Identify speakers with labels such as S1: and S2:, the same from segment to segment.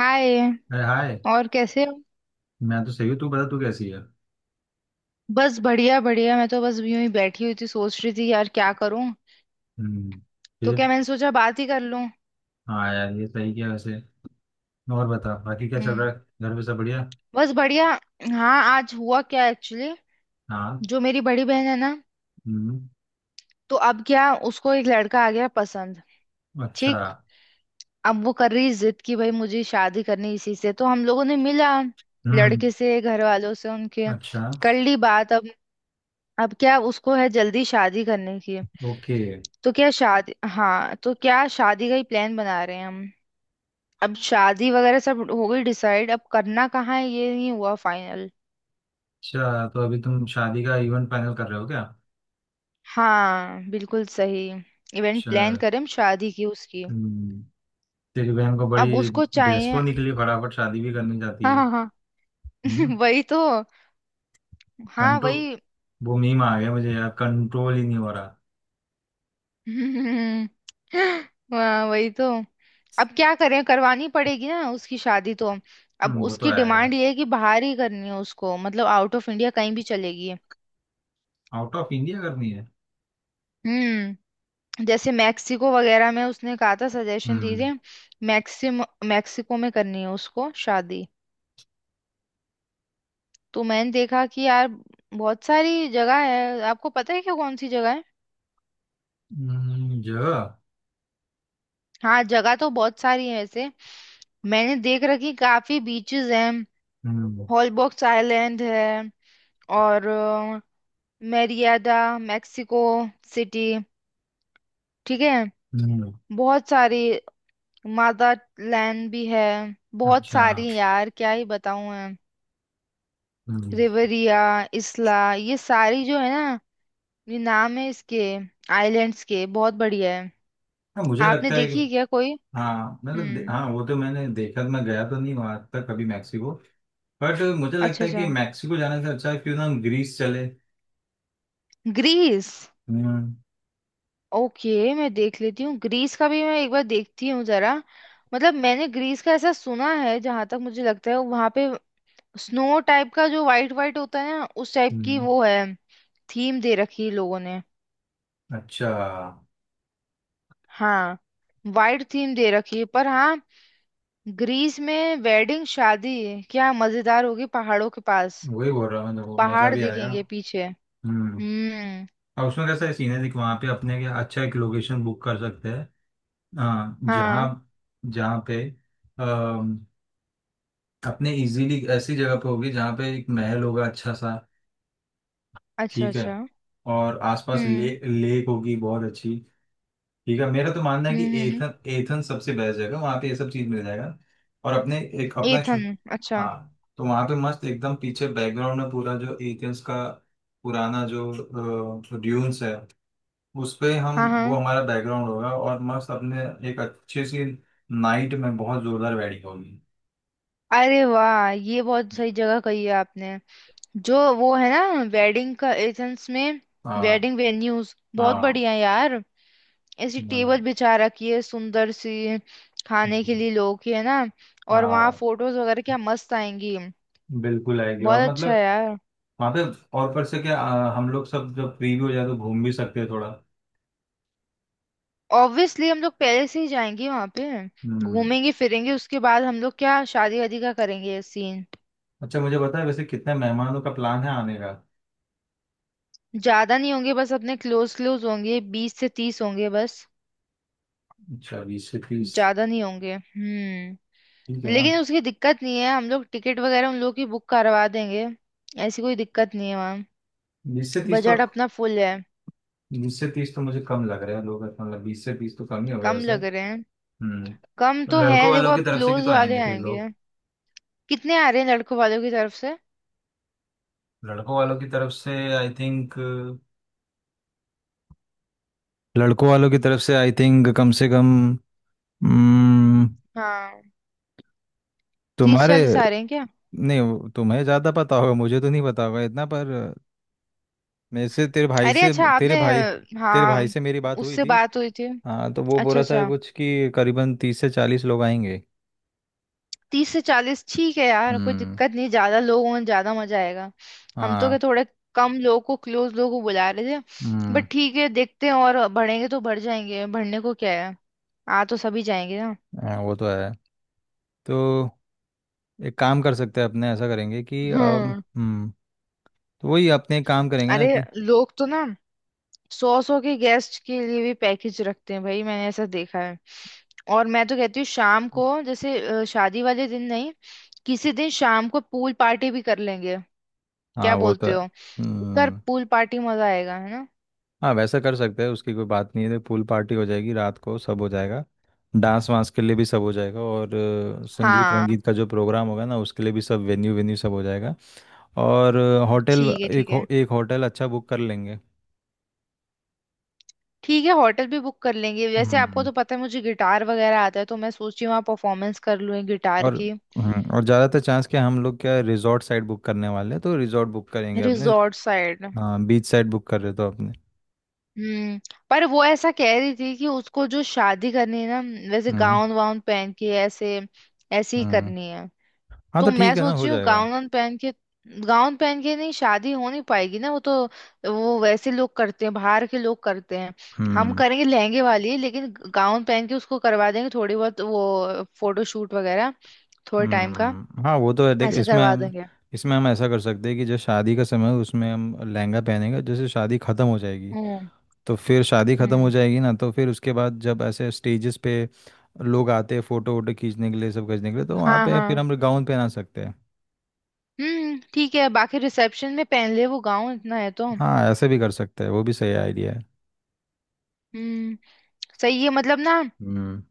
S1: हाय।
S2: अरे हाय।
S1: और कैसे हो?
S2: मैं तो सही हूँ, तू बता तू कैसी है?
S1: बस बढ़िया बढ़िया, मैं तो बस यूं ही बैठी हुई थी, सोच रही थी यार क्या करूं।
S2: हम्म।
S1: तो
S2: फिर।
S1: क्या, मैंने सोचा बात ही कर लूं।
S2: हाँ यार, ये सही किया वैसे। और बता, बाकी क्या चल
S1: हम्म।
S2: रहा है? घर पे सब बढ़िया।
S1: बस बढ़िया। हाँ आज हुआ क्या एक्चुअली,
S2: हाँ।
S1: जो मेरी बड़ी बहन है ना,
S2: हम्म।
S1: तो अब क्या उसको एक लड़का आ गया पसंद।
S2: अच्छा।
S1: ठीक। अब वो कर रही जिद कि भाई मुझे शादी करनी इसी से, तो हम लोगों ने मिला
S2: हम्म।
S1: लड़के से, घर वालों से उनके,
S2: अच्छा।
S1: कर ली बात। अब क्या उसको है जल्दी शादी करने की,
S2: ओके।
S1: तो क्या शादी, हाँ तो क्या शादी का ही प्लान बना रहे हैं हम। अब शादी वगैरह सब हो गई डिसाइड, अब करना कहाँ है ये नहीं हुआ फाइनल।
S2: अच्छा, तो अभी तुम शादी का इवेंट फाइनल कर रहे हो क्या?
S1: हाँ बिल्कुल सही। इवेंट
S2: अच्छा।
S1: प्लान करें हम शादी की उसकी।
S2: हम्म। तेरी बहन को
S1: अब
S2: बड़ी
S1: उसको चाहिए।
S2: डेस्पो निकली, फटाफट शादी भी करनी चाहती
S1: हाँ
S2: है।
S1: हाँ हाँ।
S2: हम्म।
S1: वही तो। हाँ
S2: कंट्रोल।
S1: वही।
S2: वो मीम आ गया मुझे यार, कंट्रोल ही नहीं हो रहा।
S1: हम्म, हाँ वही तो। अब क्या करें, करवानी पड़ेगी ना उसकी शादी तो। अब
S2: हम्म, वो तो
S1: उसकी
S2: है
S1: डिमांड
S2: यार।
S1: ये है कि बाहर ही करनी है उसको, मतलब आउट ऑफ इंडिया कहीं भी चलेगी।
S2: आउट ऑफ इंडिया करनी है।
S1: हम्म। जैसे मैक्सिको वगैरह में उसने कहा था, सजेशन
S2: हम्म।
S1: दीजिए। मैक्सिम मैक्सिको में करनी है उसको शादी। तो मैंने देखा कि यार बहुत सारी जगह है। आपको पता है क्या कौन सी जगह है?
S2: जगह।
S1: हाँ जगह तो बहुत सारी है वैसे। मैंने देख रखी, काफी बीचेस हैं।
S2: हम्म।
S1: हॉलबॉक्स आइलैंड है, और मेरियादा, मैक्सिको सिटी, ठीक है
S2: हम्म,
S1: बहुत सारी। मादा लैंड भी है। बहुत
S2: अच्छा।
S1: सारी यार, क्या ही बताऊं मैं।
S2: हम्म।
S1: रिवरिया, इसला, ये सारी जो है ना, ये नाम है इसके आइलैंड्स के। बहुत बढ़िया है।
S2: हाँ, मुझे
S1: आपने
S2: लगता है कि
S1: देखी है क्या कोई?
S2: हाँ। मतलब
S1: हम्म।
S2: हाँ, वो तो मैंने देखा, मैं गया तो नहीं वहां तक कभी मैक्सिको। बट मुझे
S1: अच्छा
S2: लगता है कि
S1: अच्छा।
S2: मैक्सिको जाने से अच्छा है, क्यों ना हम ग्रीस चले।
S1: ग्रीस।
S2: हम्म।
S1: ओके मैं देख लेती हूँ, ग्रीस का भी मैं एक बार देखती हूँ जरा। मतलब मैंने ग्रीस का ऐसा सुना है, जहां तक मुझे लगता है वहां पे स्नो टाइप का जो वाइट वाइट होता है ना, उस टाइप की
S2: हम्म,
S1: वो है। थीम दे रखी है लोगों ने।
S2: अच्छा।
S1: हाँ। वाइट थीम दे रखी है, पर हाँ ग्रीस में वेडिंग शादी क्या मजेदार होगी, पहाड़ों के पास।
S2: वही बोल रहा हूँ, मतलब मजा
S1: पहाड़
S2: भी आएगा।
S1: दिखेंगे पीछे।
S2: हम्म।
S1: हम्म।
S2: और उसमें कैसा है सीन है, देख वहाँ पे अपने क्या अच्छा एक लोकेशन बुक कर सकते हैं। हाँ जहाँ,
S1: हाँ।
S2: जहाँ पे अम, अपने इजीली ऐसी जगह पे होगी जहाँ पे एक महल होगा अच्छा सा।
S1: अच्छा
S2: ठीक है।
S1: अच्छा। हम्म।
S2: और आसपास ले
S1: हम्म।
S2: लेक होगी बहुत अच्छी। ठीक है, मेरा तो मानना है कि
S1: हम्म। हम्म।
S2: एथन एथन सबसे बेस्ट जगह, वहाँ पे ये सब चीज़ मिल जाएगा। और अपने एक अपना छो
S1: एथन, अच्छा।
S2: हाँ, तो वहाँ पे मस्त एकदम पीछे बैकग्राउंड में पूरा जो एथेंस का पुराना जो ड्यून्स है उस पे हम
S1: हाँ
S2: वो
S1: हाँ।
S2: हमारा बैकग्राउंड होगा, और मस्त अपने एक अच्छी सी नाइट में बहुत जोरदार वेडिंग होगी।
S1: अरे वाह, ये बहुत सही जगह कही है आपने। जो वो है ना, वेडिंग का एथेंस में
S2: हाँ
S1: वेडिंग वेन्यूज बहुत
S2: हाँ
S1: बढ़िया है यार। ऐसी टेबल
S2: हाँ।
S1: बिछा रखी है सुंदर सी, खाने के लिए लोग की है ना। और वहाँ
S2: हाँ
S1: फोटोज वगैरह क्या मस्त आएंगी।
S2: बिल्कुल आएगी,
S1: बहुत
S2: और
S1: अच्छा है
S2: मतलब
S1: यार।
S2: वहां पे। और पर से क्या हम लोग सब जब फ्री भी हो जाए तो घूम भी सकते हैं थोड़ा।
S1: ऑब्वियसली हम लोग पहले से ही जाएंगे वहां पे,
S2: हम्म।
S1: घूमेंगे फिरेंगे, उसके बाद हम लोग क्या शादी वादी का करेंगे सीन।
S2: अच्छा, मुझे पता है वैसे कितने मेहमानों का प्लान है आने का।
S1: ज्यादा नहीं होंगे, बस अपने क्लोज क्लोज होंगे, 20 से 30 होंगे बस।
S2: अच्छा 20 से 30।
S1: ज्यादा नहीं होंगे। हम्म।
S2: ठीक है ना।
S1: लेकिन उसकी दिक्कत नहीं है, हम लोग टिकट वगैरह उन लोग की बुक करवा देंगे। ऐसी कोई दिक्कत नहीं है वहाँ।
S2: बीस से तीस तो
S1: बजट अपना फुल है।
S2: 20 से 30 तो मुझे कम लग रहा है लोग, मतलब 20 से 30 तो कम ही हो गए
S1: कम
S2: वैसे।
S1: लग रहे हैं।
S2: हम्म।
S1: कम तो है,
S2: लड़कों
S1: देखो
S2: वालों की
S1: अब
S2: तरफ से भी
S1: क्लोज
S2: तो
S1: वाले
S2: आएंगे फिर
S1: आएंगे।
S2: लोग।
S1: कितने आ रहे हैं लड़कों वालों की तरफ से?
S2: लड़कों वालों की तरफ से आई थिंक लड़कों वालों की तरफ से आई थिंक कम से कम। हम्म,
S1: हाँ। तीस
S2: तुम्हारे।
S1: चालीस आ रहे हैं क्या?
S2: नहीं, तुम्हें ज़्यादा पता होगा, मुझे तो नहीं पता होगा इतना। पर मेरे से
S1: अरे अच्छा,
S2: तेरे
S1: आपने।
S2: भाई तेरे
S1: हाँ
S2: भाई से मेरी बात हुई
S1: उससे
S2: थी।
S1: बात हुई थी।
S2: हाँ, तो वो
S1: अच्छा
S2: बोला था
S1: अच्छा।
S2: कुछ कि करीबन 30 से 40 लोग आएंगे।
S1: 30 से 40 ठीक है यार, कोई
S2: हम्म।
S1: दिक्कत नहीं, ज्यादा लोग हों ज्यादा मजा आएगा। हम तो क्या
S2: हाँ।
S1: थोड़े कम लोगों को, क्लोज लोगों को बुला रहे थे,
S2: हम्म।
S1: बट ठीक है देखते हैं, और बढ़ेंगे तो बढ़ जाएंगे, बढ़ने को क्या है। आ तो सभी जाएंगे ना।
S2: हाँ, वो तो है। तो एक काम कर सकते हैं, अपने ऐसा करेंगे कि
S1: हम्म।
S2: हम्म, तो वही अपने एक काम करेंगे ना
S1: अरे
S2: कि
S1: लोग तो ना 100 100 के गेस्ट के लिए भी पैकेज रखते हैं भाई, मैंने ऐसा देखा है। और मैं तो कहती हूँ शाम को जैसे शादी वाले दिन नहीं, किसी दिन शाम को पूल पार्टी भी कर लेंगे। क्या
S2: हाँ वो तो
S1: बोलते
S2: है।
S1: हो? कर
S2: हम्म,
S1: पूल पार्टी, मजा आएगा है ना।
S2: हाँ वैसा कर सकते हैं, उसकी कोई बात नहीं है। तो पूल पार्टी हो जाएगी, रात को सब हो जाएगा, डांस वांस के लिए भी सब हो जाएगा। और संगीत
S1: हाँ।
S2: वंगीत का जो प्रोग्राम होगा ना उसके लिए भी सब वेन्यू वेन्यू सब हो जाएगा। और होटल
S1: ठीक है
S2: एक
S1: ठीक है।
S2: हो, एक होटल अच्छा बुक कर लेंगे।
S1: ठीक है होटल भी बुक कर लेंगे, वैसे आपको
S2: हम्म।
S1: तो पता है मुझे गिटार वगैरह आता है, तो मैं सोच रही हूँ वहाँ परफॉर्मेंस कर लूँ गिटार
S2: और
S1: की।
S2: और ज़्यादातर चांस क्या हम लोग क्या रिजॉर्ट साइड बुक करने वाले हैं, तो रिजॉर्ट बुक करेंगे अपने।
S1: Resort side.
S2: हाँ बीच साइड बुक कर रहे तो अपने।
S1: हम्म। पर वो ऐसा कह रही थी कि उसको जो शादी करनी है ना, वैसे
S2: हम्म।
S1: गाउन वाउन पहन के ऐसे, ऐसे ही
S2: हम्म।
S1: करनी है।
S2: हाँ
S1: तो
S2: तो
S1: मैं
S2: ठीक है ना,
S1: सोच
S2: हो
S1: रही हूँ
S2: जाएगा।
S1: गाउन वाउन पहन के। गाउन पहन के नहीं शादी हो नहीं पाएगी ना वो तो। वो वैसे लोग करते हैं, बाहर के लोग करते हैं। हम
S2: हम्म।
S1: करेंगे लहंगे वाली, लेकिन गाउन पहन के उसको करवा देंगे थोड़ी बहुत, वो फोटो शूट वगैरह थोड़े टाइम का,
S2: हम्म। हाँ वो तो है, देख
S1: ऐसे करवा
S2: इसमें
S1: देंगे।
S2: इसमें हम ऐसा कर सकते हैं कि जो शादी का समय है उसमें हम लहंगा पहनेंगे। जैसे शादी ख़त्म हो जाएगी,
S1: हम्म।
S2: तो फिर शादी ख़त्म हो
S1: हम्म।
S2: जाएगी ना, तो फिर उसके बाद जब ऐसे स्टेजेस पे लोग आते हैं फ़ोटो वोटो खींचने के लिए, सब खींचने के लिए, तो वहाँ
S1: हाँ
S2: पे फिर
S1: हाँ।
S2: हम गाउन पहना सकते हैं।
S1: ठीक है, बाकी रिसेप्शन में पहन ले वो गाउन इतना है तो।
S2: हाँ ऐसे भी कर सकते हैं, वो भी सही आइडिया है।
S1: हम्म। सही है मतलब ना,
S2: हम्म।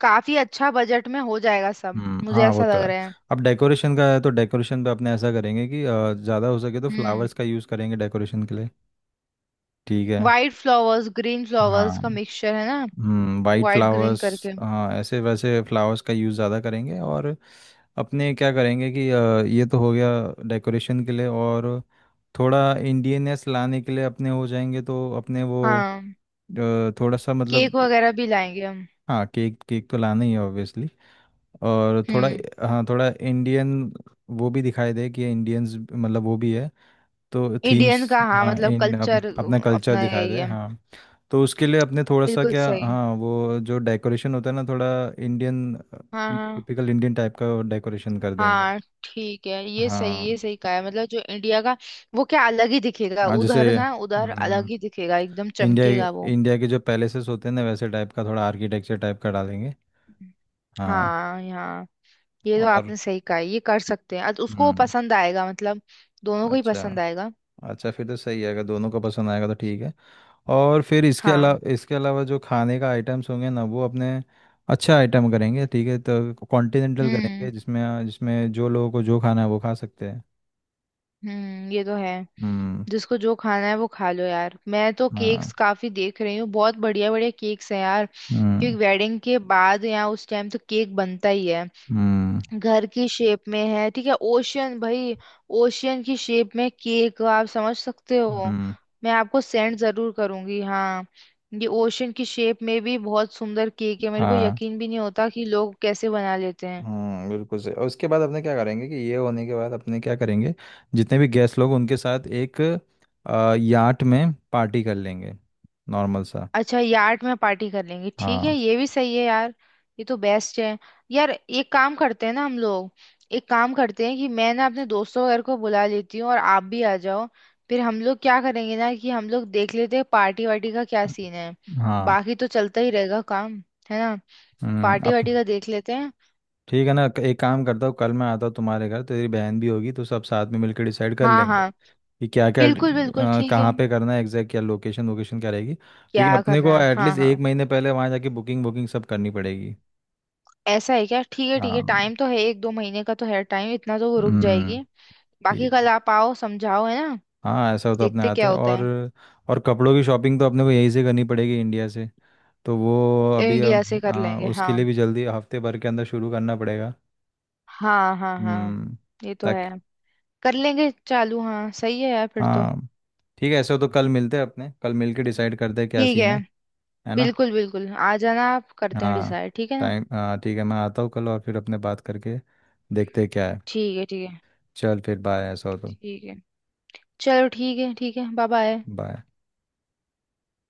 S1: काफी अच्छा बजट में हो जाएगा सब
S2: हम्म।
S1: मुझे
S2: हाँ वो
S1: ऐसा
S2: तो
S1: लग
S2: है।
S1: रहा है।
S2: अब डेकोरेशन का है तो डेकोरेशन पे अपने ऐसा करेंगे कि ज़्यादा हो सके तो
S1: हम्म।
S2: फ्लावर्स का यूज़ करेंगे डेकोरेशन के लिए। ठीक है।
S1: वाइट फ्लावर्स ग्रीन
S2: हाँ।
S1: फ्लावर्स का मिक्सचर है ना,
S2: हम्म, वाइट
S1: वाइट ग्रीन
S2: फ्लावर्स।
S1: करके।
S2: हाँ ऐसे वैसे फ्लावर्स का यूज़ ज़्यादा करेंगे। और अपने क्या करेंगे कि ये तो हो गया डेकोरेशन के लिए। और थोड़ा इंडियननेस लाने के लिए अपने हो जाएंगे, तो अपने वो
S1: हाँ।
S2: थोड़ा सा मतलब
S1: केक वगैरह भी लाएंगे हम।
S2: हाँ। केक केक तो लाना ही है ऑब्वियसली। और थोड़ा
S1: हम्म।
S2: हाँ, थोड़ा इंडियन वो भी दिखाई दे कि इंडियंस, मतलब वो भी है। तो
S1: इंडियन
S2: थीम्स
S1: का, हाँ
S2: हाँ,
S1: मतलब कल्चर
S2: अपना कल्चर
S1: अपना है
S2: दिखाई दे
S1: ये।
S2: हाँ। तो उसके लिए अपने थोड़ा सा
S1: बिल्कुल
S2: क्या,
S1: सही।
S2: हाँ वो जो डेकोरेशन होता है ना, थोड़ा इंडियन
S1: हाँ हाँ
S2: टिपिकल इंडियन टाइप का डेकोरेशन कर देंगे।
S1: हाँ। ठीक है, ये सही,
S2: हाँ
S1: ये सही कहा है। मतलब जो इंडिया का वो क्या अलग ही दिखेगा
S2: हाँ जैसे
S1: उधर ना, उधर अलग ही दिखेगा, एकदम
S2: इंडिया
S1: चमकेगा वो।
S2: इंडिया के जो पैलेसेस होते हैं ना वैसे टाइप का थोड़ा आर्किटेक्चर टाइप का डालेंगे। हाँ।
S1: हाँ। यहाँ, ये तो
S2: और
S1: आपने सही कहा, ये कर सकते हैं। उसको
S2: हम्म।
S1: पसंद आएगा मतलब, दोनों को ही
S2: अच्छा।
S1: पसंद आएगा।
S2: अच्छा फिर तो सही है, अगर दोनों को पसंद आएगा तो ठीक है। और फिर
S1: हाँ।
S2: इसके अलावा जो खाने का आइटम्स होंगे ना वो अपने अच्छा आइटम करेंगे, ठीक है, तो कॉन्टिनेंटल करेंगे,
S1: हम्म।
S2: जिसमें जिसमें जो लोगों को जो खाना है वो खा सकते हैं।
S1: हम्म। ये तो है।
S2: हम्म।
S1: जिसको जो खाना है वो खा लो यार, मैं तो केक्स
S2: हाँ।
S1: काफी देख रही हूँ, बहुत बढ़िया बढ़िया केक्स हैं यार, क्योंकि
S2: हम्म।
S1: वेडिंग के बाद यहाँ उस टाइम तो केक बनता ही है।
S2: हम्म।
S1: घर की शेप में है, ठीक है। ओशियन भाई, ओशियन की शेप में केक आप समझ सकते हो,
S2: हम्म।
S1: मैं आपको सेंड जरूर करूंगी। हाँ। ये ओशियन की शेप में भी बहुत सुंदर केक है, मेरे को
S2: हाँ।
S1: यकीन भी नहीं होता कि लोग कैसे बना लेते हैं।
S2: हम्म, बिल्कुल सही, और उसके बाद अपने क्या करेंगे कि ये होने के बाद अपने क्या करेंगे जितने भी गेस्ट लोग उनके साथ एक याट में पार्टी कर लेंगे नॉर्मल सा।
S1: अच्छा यार्ड में पार्टी कर लेंगे, ठीक है
S2: हाँ
S1: ये भी सही है यार, ये तो बेस्ट है। यार एक काम करते हैं ना हम लोग, एक काम करते हैं कि मैं ना अपने दोस्तों वगैरह को बुला लेती हूँ और आप भी आ जाओ, फिर हम लोग क्या करेंगे ना कि हम लोग देख लेते हैं पार्टी वार्टी का क्या सीन है।
S2: हाँ।
S1: बाकी तो चलता ही रहेगा काम, है ना।
S2: हम्म।
S1: पार्टी
S2: अब
S1: वार्टी का देख लेते हैं।
S2: ठीक है ना, एक काम करता हूँ, कल मैं आता हूँ तुम्हारे घर, तेरी बहन भी होगी तो सब साथ में मिलकर डिसाइड कर
S1: हाँ
S2: लेंगे
S1: हाँ,
S2: कि क्या क्या
S1: बिल्कुल बिल्कुल ठीक है।
S2: कहाँ पे करना है एग्जैक्ट, क्या लोकेशन वोकेशन क्या रहेगी, क्योंकि
S1: क्या
S2: अपने
S1: करना
S2: को
S1: है, हाँ
S2: एटलीस्ट एक
S1: हाँ।
S2: महीने पहले वहाँ जाके बुकिंग बुकिंग सब करनी पड़ेगी।
S1: ऐसा है क्या? ठीक है ठीक
S2: हाँ।
S1: है, टाइम तो है, एक दो महीने का तो है टाइम, इतना तो वो रुक
S2: हम्म।
S1: जाएगी। बाकी
S2: ठीक।
S1: कल आप आओ समझाओ, है ना,
S2: हाँ ऐसा तो अपने
S1: देखते
S2: आते
S1: क्या
S2: हैं।
S1: होता
S2: और
S1: है।
S2: और कपड़ों की शॉपिंग तो अपने को यहीं से करनी पड़ेगी, इंडिया से। तो वो अभी
S1: इंडिया से
S2: अब
S1: कर
S2: हाँ,
S1: लेंगे
S2: उसके
S1: हाँ।
S2: लिए भी जल्दी हफ्ते भर के अंदर शुरू करना पड़ेगा।
S1: हाँ हाँ हाँ।
S2: हम्म।
S1: ये तो है।
S2: ताकि
S1: कर लेंगे चालू, हाँ सही है यार फिर तो।
S2: हाँ ठीक है, ऐसा हो तो कल मिलते हैं अपने, कल मिल के डिसाइड करते हैं क्या
S1: ठीक
S2: सीन
S1: है।
S2: है ना।
S1: बिल्कुल बिल्कुल, आ जाना आप, करते हैं
S2: हाँ।
S1: डिसाइड ठीक है ना।
S2: टाइम हाँ ठीक है, मैं आता हूँ कल और फिर अपने बात करके देखते हैं क्या है।
S1: ठीक है ठीक है।
S2: चल फिर बाय, ऐसा हो तो।
S1: ठीक है चलो, ठीक है ठीक है, बाय बाय।
S2: बाय।